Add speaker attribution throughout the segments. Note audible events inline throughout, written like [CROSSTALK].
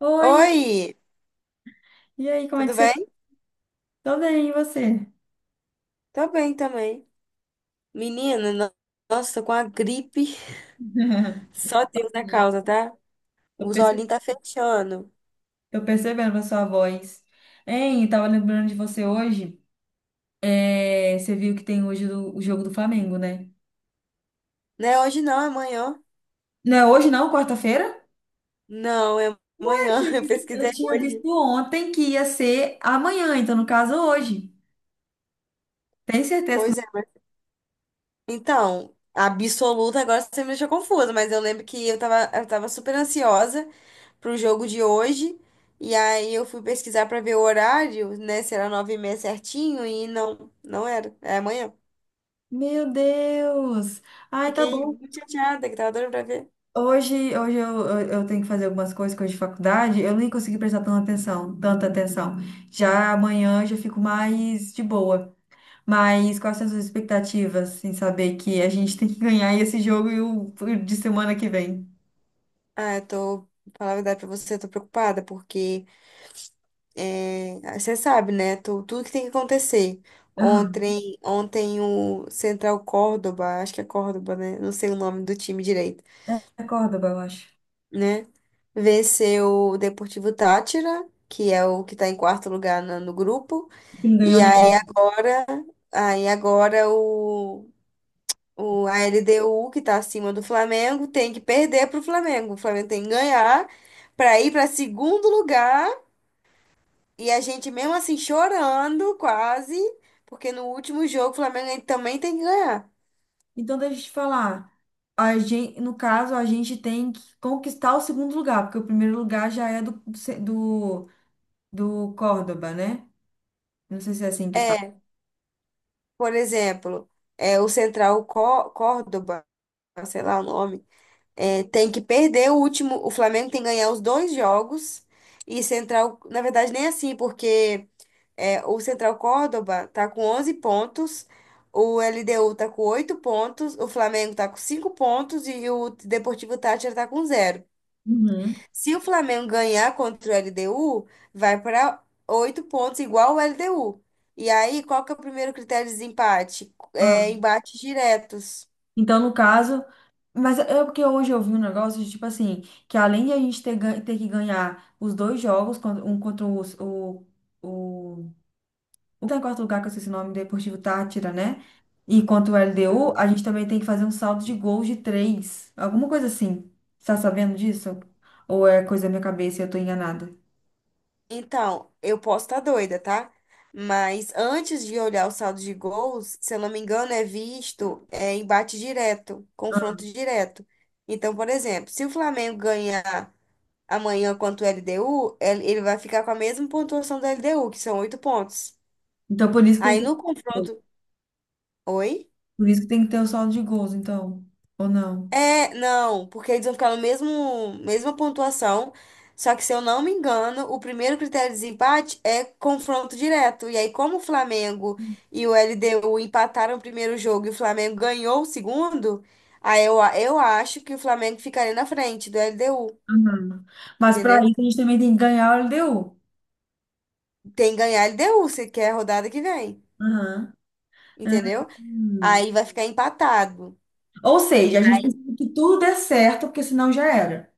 Speaker 1: Oi,
Speaker 2: Oi,
Speaker 1: e aí, como é que
Speaker 2: tudo
Speaker 1: você tá?
Speaker 2: bem?
Speaker 1: Tô bem, e você?
Speaker 2: Tô bem também. Menina, nossa, tô com a gripe.
Speaker 1: [LAUGHS]
Speaker 2: Só Deus na causa, tá?
Speaker 1: Tô
Speaker 2: Os
Speaker 1: perce-
Speaker 2: olhinhos tá fechando.
Speaker 1: Tô percebendo a sua voz. Hein, eu tava lembrando de você hoje. É, você viu que tem o jogo do Flamengo, né?
Speaker 2: Não é hoje não, é amanhã.
Speaker 1: Não é hoje não, quarta-feira?
Speaker 2: Não, é amanhã. [LAUGHS] Eu
Speaker 1: Eu
Speaker 2: pesquisei
Speaker 1: tinha
Speaker 2: hoje.
Speaker 1: visto ontem que ia ser amanhã, então no caso hoje. Tem certeza que
Speaker 2: Pois
Speaker 1: não?
Speaker 2: é, mas... Então, absoluta, agora você me deixou confusa, mas eu lembro que eu tava super ansiosa pro jogo de hoje. E aí eu fui pesquisar pra ver o horário, né? Se era 9:30 certinho, e não, não era. É amanhã.
Speaker 1: Meu Deus! Ai, tá
Speaker 2: Fiquei
Speaker 1: bom.
Speaker 2: muito chateada, que tava doida pra ver.
Speaker 1: Hoje eu tenho que fazer algumas coisas, coisas de faculdade, eu nem consegui prestar tanta atenção. Já amanhã eu já fico mais de boa. Mas quais são as suas expectativas, sem saber que a gente tem que ganhar esse jogo e o de semana que vem?
Speaker 2: Ah, eu tô, falar a verdade pra você, eu tô preocupada, porque é, você sabe, né? Tudo que tem que acontecer.
Speaker 1: Aham.
Speaker 2: Ontem, ontem o Central Córdoba, acho que é Córdoba, né? Não sei o nome do time direito,
Speaker 1: É Córdoba, eu acho.
Speaker 2: né? Venceu o Deportivo Táchira, que é o que tá em quarto lugar no grupo.
Speaker 1: Que não ganhou
Speaker 2: E
Speaker 1: nenhum.
Speaker 2: aí agora, aí agora a LDU, que tá acima do Flamengo, tem que perder pro Flamengo. O Flamengo tem que ganhar para ir para segundo lugar. E a gente, mesmo assim, chorando quase, porque no último jogo o Flamengo também tem que ganhar.
Speaker 1: Então, deixa eu te falar. A gente, no caso, a gente tem que conquistar o segundo lugar, porque o primeiro lugar já é do, do Córdoba, né? Não sei se é assim que fala.
Speaker 2: É, por exemplo, é, o Central Córdoba, sei lá o nome, é, tem que perder o último. O Flamengo tem que ganhar os dois jogos. E Central, na verdade, nem assim, porque é, o Central Córdoba tá com 11 pontos, o LDU tá com 8 pontos, o Flamengo tá com 5 pontos e o Deportivo Táchira tá com zero.
Speaker 1: Uhum.
Speaker 2: Se o Flamengo ganhar contra o LDU, vai para oito pontos, igual o LDU. E aí, qual que é o primeiro critério de desempate? É embates diretos.
Speaker 1: Então, no caso, mas é porque hoje eu vi um negócio de tipo assim, que além de a gente ter que ganhar os dois jogos, contra- um contra os- o, o que tá em quarto lugar, que eu esqueci o nome, Deportivo Tátira, né? E contra o LDU,
Speaker 2: Uhum.
Speaker 1: a gente também tem que fazer um saldo de gols de três. Alguma coisa assim. Você tá sabendo disso? Ou é coisa da minha cabeça e eu tô enganada?
Speaker 2: Então, eu posso estar doida, tá? Mas antes de olhar o saldo de gols, se eu não me engano, embate direto, confronto
Speaker 1: Ah.
Speaker 2: direto. Então, por exemplo, se o Flamengo ganhar amanhã contra o LDU, ele vai ficar com a mesma pontuação do LDU, que são oito pontos.
Speaker 1: Então, por isso que tem
Speaker 2: Aí
Speaker 1: que,
Speaker 2: no confronto. Oi?
Speaker 1: por isso que tem que ter o saldo de gols, então. Ou não?
Speaker 2: É, não, porque eles vão ficar no mesmo, mesma pontuação, só que se eu não me engano, o primeiro critério de desempate é confronto direto. E aí, como o Flamengo e o LDU empataram o primeiro jogo e o Flamengo ganhou o segundo, aí eu acho que o Flamengo ficaria na frente do LDU,
Speaker 1: Aham. Mas pra
Speaker 2: entendeu?
Speaker 1: isso a gente também tem que ganhar o LDU.
Speaker 2: Tem que ganhar LDU, se quer a rodada que vem,
Speaker 1: Aham. Ah,
Speaker 2: entendeu?
Speaker 1: hum.
Speaker 2: Aí vai ficar empatado.
Speaker 1: Ou seja, a gente precisa que tudo dê certo, porque senão já era.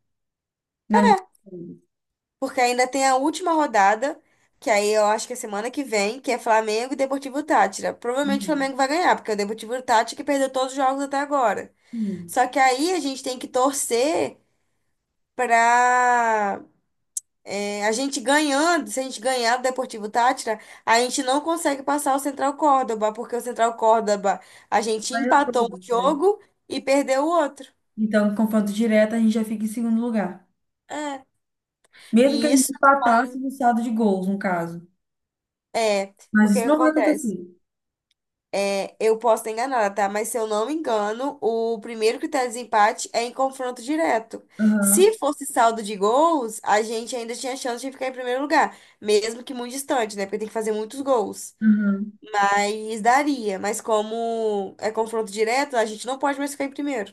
Speaker 1: Na Libertadores.
Speaker 2: Porque ainda tem a última rodada, que aí eu acho que é semana que vem, que é Flamengo e Deportivo Tátira. Provavelmente o
Speaker 1: Hum.
Speaker 2: Flamengo vai ganhar, porque é o Deportivo Tátira que perdeu todos os jogos até agora.
Speaker 1: Sim.
Speaker 2: Só que aí a gente tem que torcer pra é, a gente ganhando, se a gente ganhar do Deportivo Tátira, a gente não consegue passar o Central Córdoba, porque o Central Córdoba a gente
Speaker 1: Vai eu
Speaker 2: empatou um
Speaker 1: todo, né?
Speaker 2: jogo e perdeu o outro.
Speaker 1: Então, no confronto direto, a gente já fica em segundo lugar.
Speaker 2: É.
Speaker 1: Mesmo que a
Speaker 2: E
Speaker 1: gente
Speaker 2: isso
Speaker 1: empatasse no saldo de gols, no caso.
Speaker 2: é, porque
Speaker 1: Mas
Speaker 2: o que
Speaker 1: isso não vai
Speaker 2: acontece?
Speaker 1: acontecer.
Speaker 2: É, eu posso estar enganada, tá? Mas se eu não me engano, o primeiro critério de desempate é em confronto direto.
Speaker 1: Aham,
Speaker 2: Se fosse saldo de gols, a gente ainda tinha chance de ficar em primeiro lugar, mesmo que muito distante, né? Porque tem que fazer muitos gols.
Speaker 1: aham.
Speaker 2: Mas daria. Mas como é confronto direto, a gente não pode mais ficar em primeiro.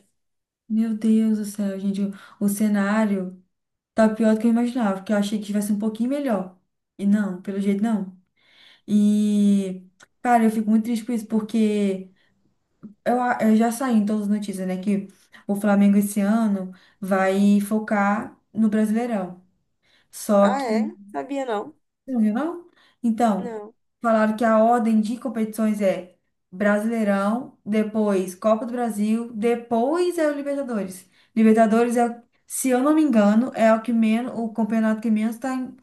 Speaker 1: Meu Deus do céu, gente. O cenário tá pior do que eu imaginava, porque eu achei que tivesse um pouquinho melhor. E não, pelo jeito não. E, cara, eu fico muito triste por isso, porque eu já saí em todas as notícias, né, que o Flamengo esse ano vai focar no Brasileirão. Só
Speaker 2: Ah,
Speaker 1: que.
Speaker 2: é? Sabia não?
Speaker 1: Você não viu, não? Então,
Speaker 2: Não.
Speaker 1: falaram que a ordem de competições é Brasileirão, depois Copa do Brasil, depois é o Libertadores. Libertadores é, se eu não me engano, é o que menos, o campeonato que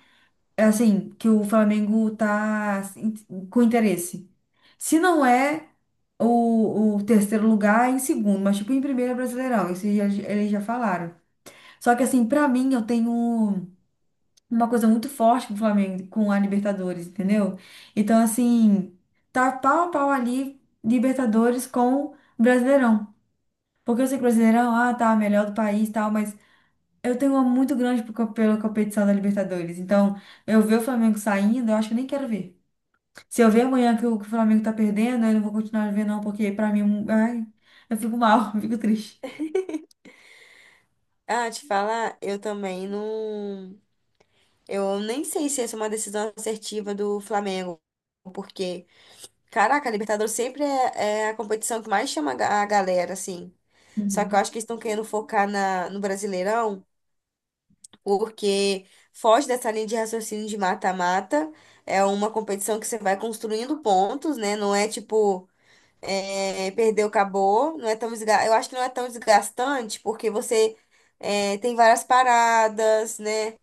Speaker 1: é assim, que o Flamengo tá assim, com interesse. Se não é o terceiro lugar, é em segundo, mas tipo, em primeiro é Brasileirão, eles já falaram. Só que assim, pra mim, eu tenho uma coisa muito forte com o Flamengo, com a Libertadores, entendeu? Então, assim, tá pau a pau ali Libertadores com Brasileirão. Porque eu sei que Brasileirão, ah, tá, melhor do país e tal, mas eu tenho uma muito grande pela competição da Libertadores. Então, eu ver o Flamengo saindo, eu acho que eu nem quero ver. Se eu ver amanhã que o Flamengo tá perdendo, eu não vou continuar a ver, não, porque pra mim, ai, eu fico mal, [LAUGHS] eu fico triste.
Speaker 2: Ah, te falar, eu também não. Eu nem sei se essa é uma decisão assertiva do Flamengo, porque. Caraca, a Libertadores sempre é, a competição que mais chama a galera, assim. Só que eu
Speaker 1: Uhum.
Speaker 2: acho que eles estão querendo focar no Brasileirão, porque foge dessa linha de raciocínio de mata-mata. É uma competição que você vai construindo pontos, né? Não é tipo, é, perdeu, acabou. Não é tão. Eu acho que não é tão desgastante, porque você é, tem várias paradas, né?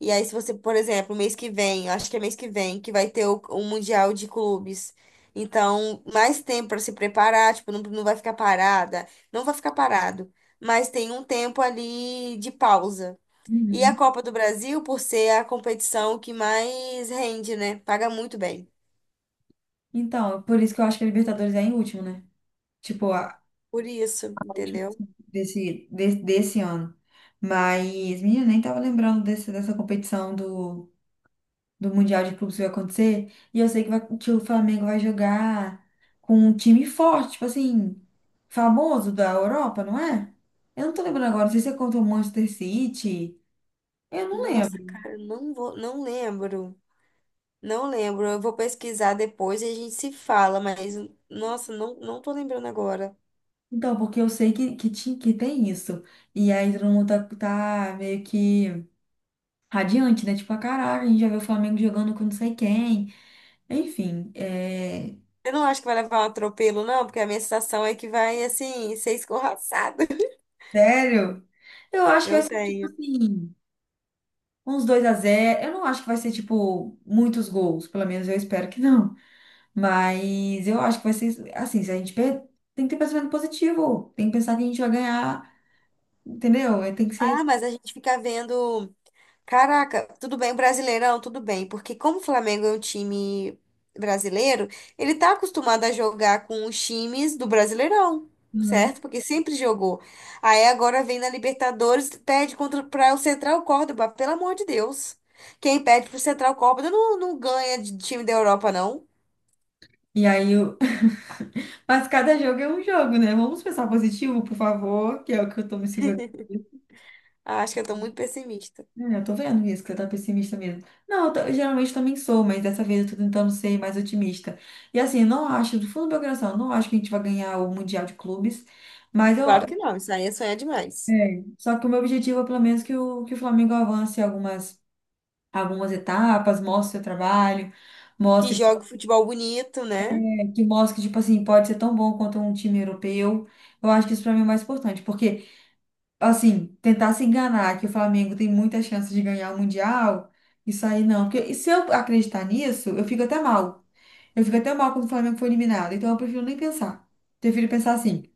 Speaker 2: E aí, se você, por exemplo, mês que vem, eu acho que é mês que vem, que vai ter o Mundial de Clubes. Então, mais tempo para se preparar, tipo, não, não vai ficar parada, não vai ficar parado, mas tem um tempo ali de pausa. E a
Speaker 1: Uhum.
Speaker 2: Copa do Brasil, por ser a competição que mais rende, né? Paga muito bem.
Speaker 1: Então, por isso que eu acho que a Libertadores é em último, né? Tipo, a,
Speaker 2: Por isso,
Speaker 1: a última
Speaker 2: entendeu?
Speaker 1: assim, desse ano. Mas, menina, nem tava lembrando dessa competição do Mundial de Clubes que vai acontecer. E eu sei que, vai, que o Flamengo vai jogar com um time forte, tipo assim, famoso da Europa, não é? Eu não tô lembrando agora, não sei se é contra o Manchester City. Eu não
Speaker 2: Nossa,
Speaker 1: lembro.
Speaker 2: cara, não vou, não lembro. Não lembro. Eu vou pesquisar depois e a gente se fala, mas nossa, não, não tô lembrando agora.
Speaker 1: Então, porque eu sei que tem isso. E aí todo mundo tá meio que radiante, né? Tipo, ah, caraca, a gente já viu o Flamengo jogando com não sei quem. Enfim, é...
Speaker 2: Eu não acho que vai levar um atropelo, não, porque a minha sensação é que vai, assim, ser escorraçado. [LAUGHS]
Speaker 1: Sério? Eu acho que vai
Speaker 2: Eu
Speaker 1: ser, tipo
Speaker 2: tenho.
Speaker 1: assim, uns 2 a zero. Eu não acho que vai ser, tipo, muitos gols. Pelo menos eu espero que não. Mas eu acho que vai ser, assim, se a gente per... tem que ter pensamento positivo. Tem que pensar que a gente vai ganhar, entendeu? Tem que ser...
Speaker 2: Ah, mas a gente fica vendo. Caraca, tudo bem, Brasileirão, tudo bem, porque como o Flamengo é um time brasileiro, ele tá acostumado a jogar com os times do Brasileirão,
Speaker 1: Uhum.
Speaker 2: certo? Porque sempre jogou. Aí agora vem na Libertadores, perde contra para o Central Córdoba, pelo amor de Deus. Quem perde pro Central Córdoba não, não ganha de time da Europa, não.
Speaker 1: E aí, mas cada jogo é um jogo, né? Vamos pensar positivo, por favor, que é o que eu tô me segurando.
Speaker 2: Ah, acho que eu tô muito pessimista.
Speaker 1: É, eu tô vendo isso, que você tá pessimista mesmo. Não, eu, tô- eu geralmente também sou, mas dessa vez eu tô tentando ser mais otimista. E assim, não acho, do fundo do meu coração, não acho que a gente vai ganhar o Mundial de Clubes, mas eu.
Speaker 2: Claro que não, isso aí é sonhar demais.
Speaker 1: É, só que o meu objetivo é pelo menos que o Flamengo avance algumas etapas, mostre o seu trabalho,
Speaker 2: Que
Speaker 1: mostre
Speaker 2: joga futebol bonito, né?
Speaker 1: que mostre que, tipo assim, pode ser tão bom quanto um time europeu. Eu acho que isso pra mim é o mais importante, porque assim, tentar se enganar que o Flamengo tem muita chance de ganhar o Mundial, isso aí não. Porque e se eu acreditar nisso, eu fico até mal. Eu fico até mal quando o Flamengo foi eliminado. Então eu prefiro nem pensar. Prefiro pensar assim,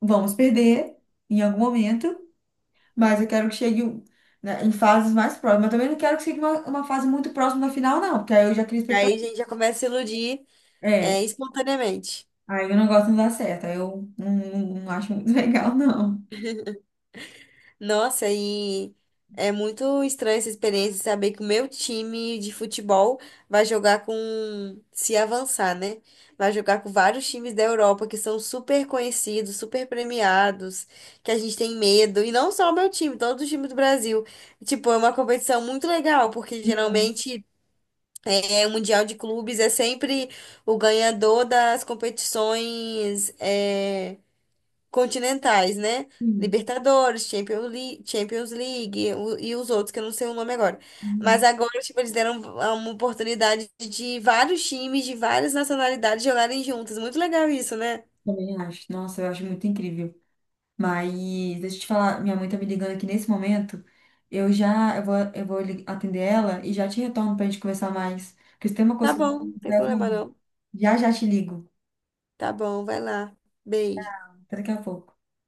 Speaker 1: vamos perder em algum momento, mas eu quero que chegue um, né, em fases mais próximas. Eu também não quero que chegue uma fase muito próxima da final, não, porque aí eu já crio
Speaker 2: Aí
Speaker 1: expectativa.
Speaker 2: a gente já começa a se iludir é,
Speaker 1: É,
Speaker 2: espontaneamente.
Speaker 1: aí eu não gosto de dar certo, aí eu não acho muito [LAUGHS] legal, não.
Speaker 2: Nossa, e é muito estranha essa experiência de saber que o meu time de futebol vai jogar com, se avançar, né? Vai jogar com vários times da Europa que são super conhecidos, super premiados, que a gente tem medo. E não só o meu time, todo o time do Brasil. Tipo, é uma competição muito legal, porque geralmente é, o Mundial de Clubes é sempre o ganhador das competições é, continentais, né?
Speaker 1: Hum,
Speaker 2: Libertadores, Champions League e os outros que eu não sei o nome agora. Mas
Speaker 1: hum,
Speaker 2: agora, tipo, eles deram uma oportunidade de vários times de várias nacionalidades jogarem juntos. Muito legal isso, né?
Speaker 1: também acho. Nossa, eu acho muito incrível. Mas deixa eu te falar, minha mãe tá me ligando aqui nesse momento. Eu vou atender ela e já te retorno pra gente conversar mais. Porque se tem uma
Speaker 2: Tá
Speaker 1: coisa que eu vou
Speaker 2: bom, não tem
Speaker 1: conversar, é
Speaker 2: problema
Speaker 1: comigo.
Speaker 2: não.
Speaker 1: Já já te ligo.
Speaker 2: Tá bom, vai lá. Beijo.
Speaker 1: Até daqui a pouco.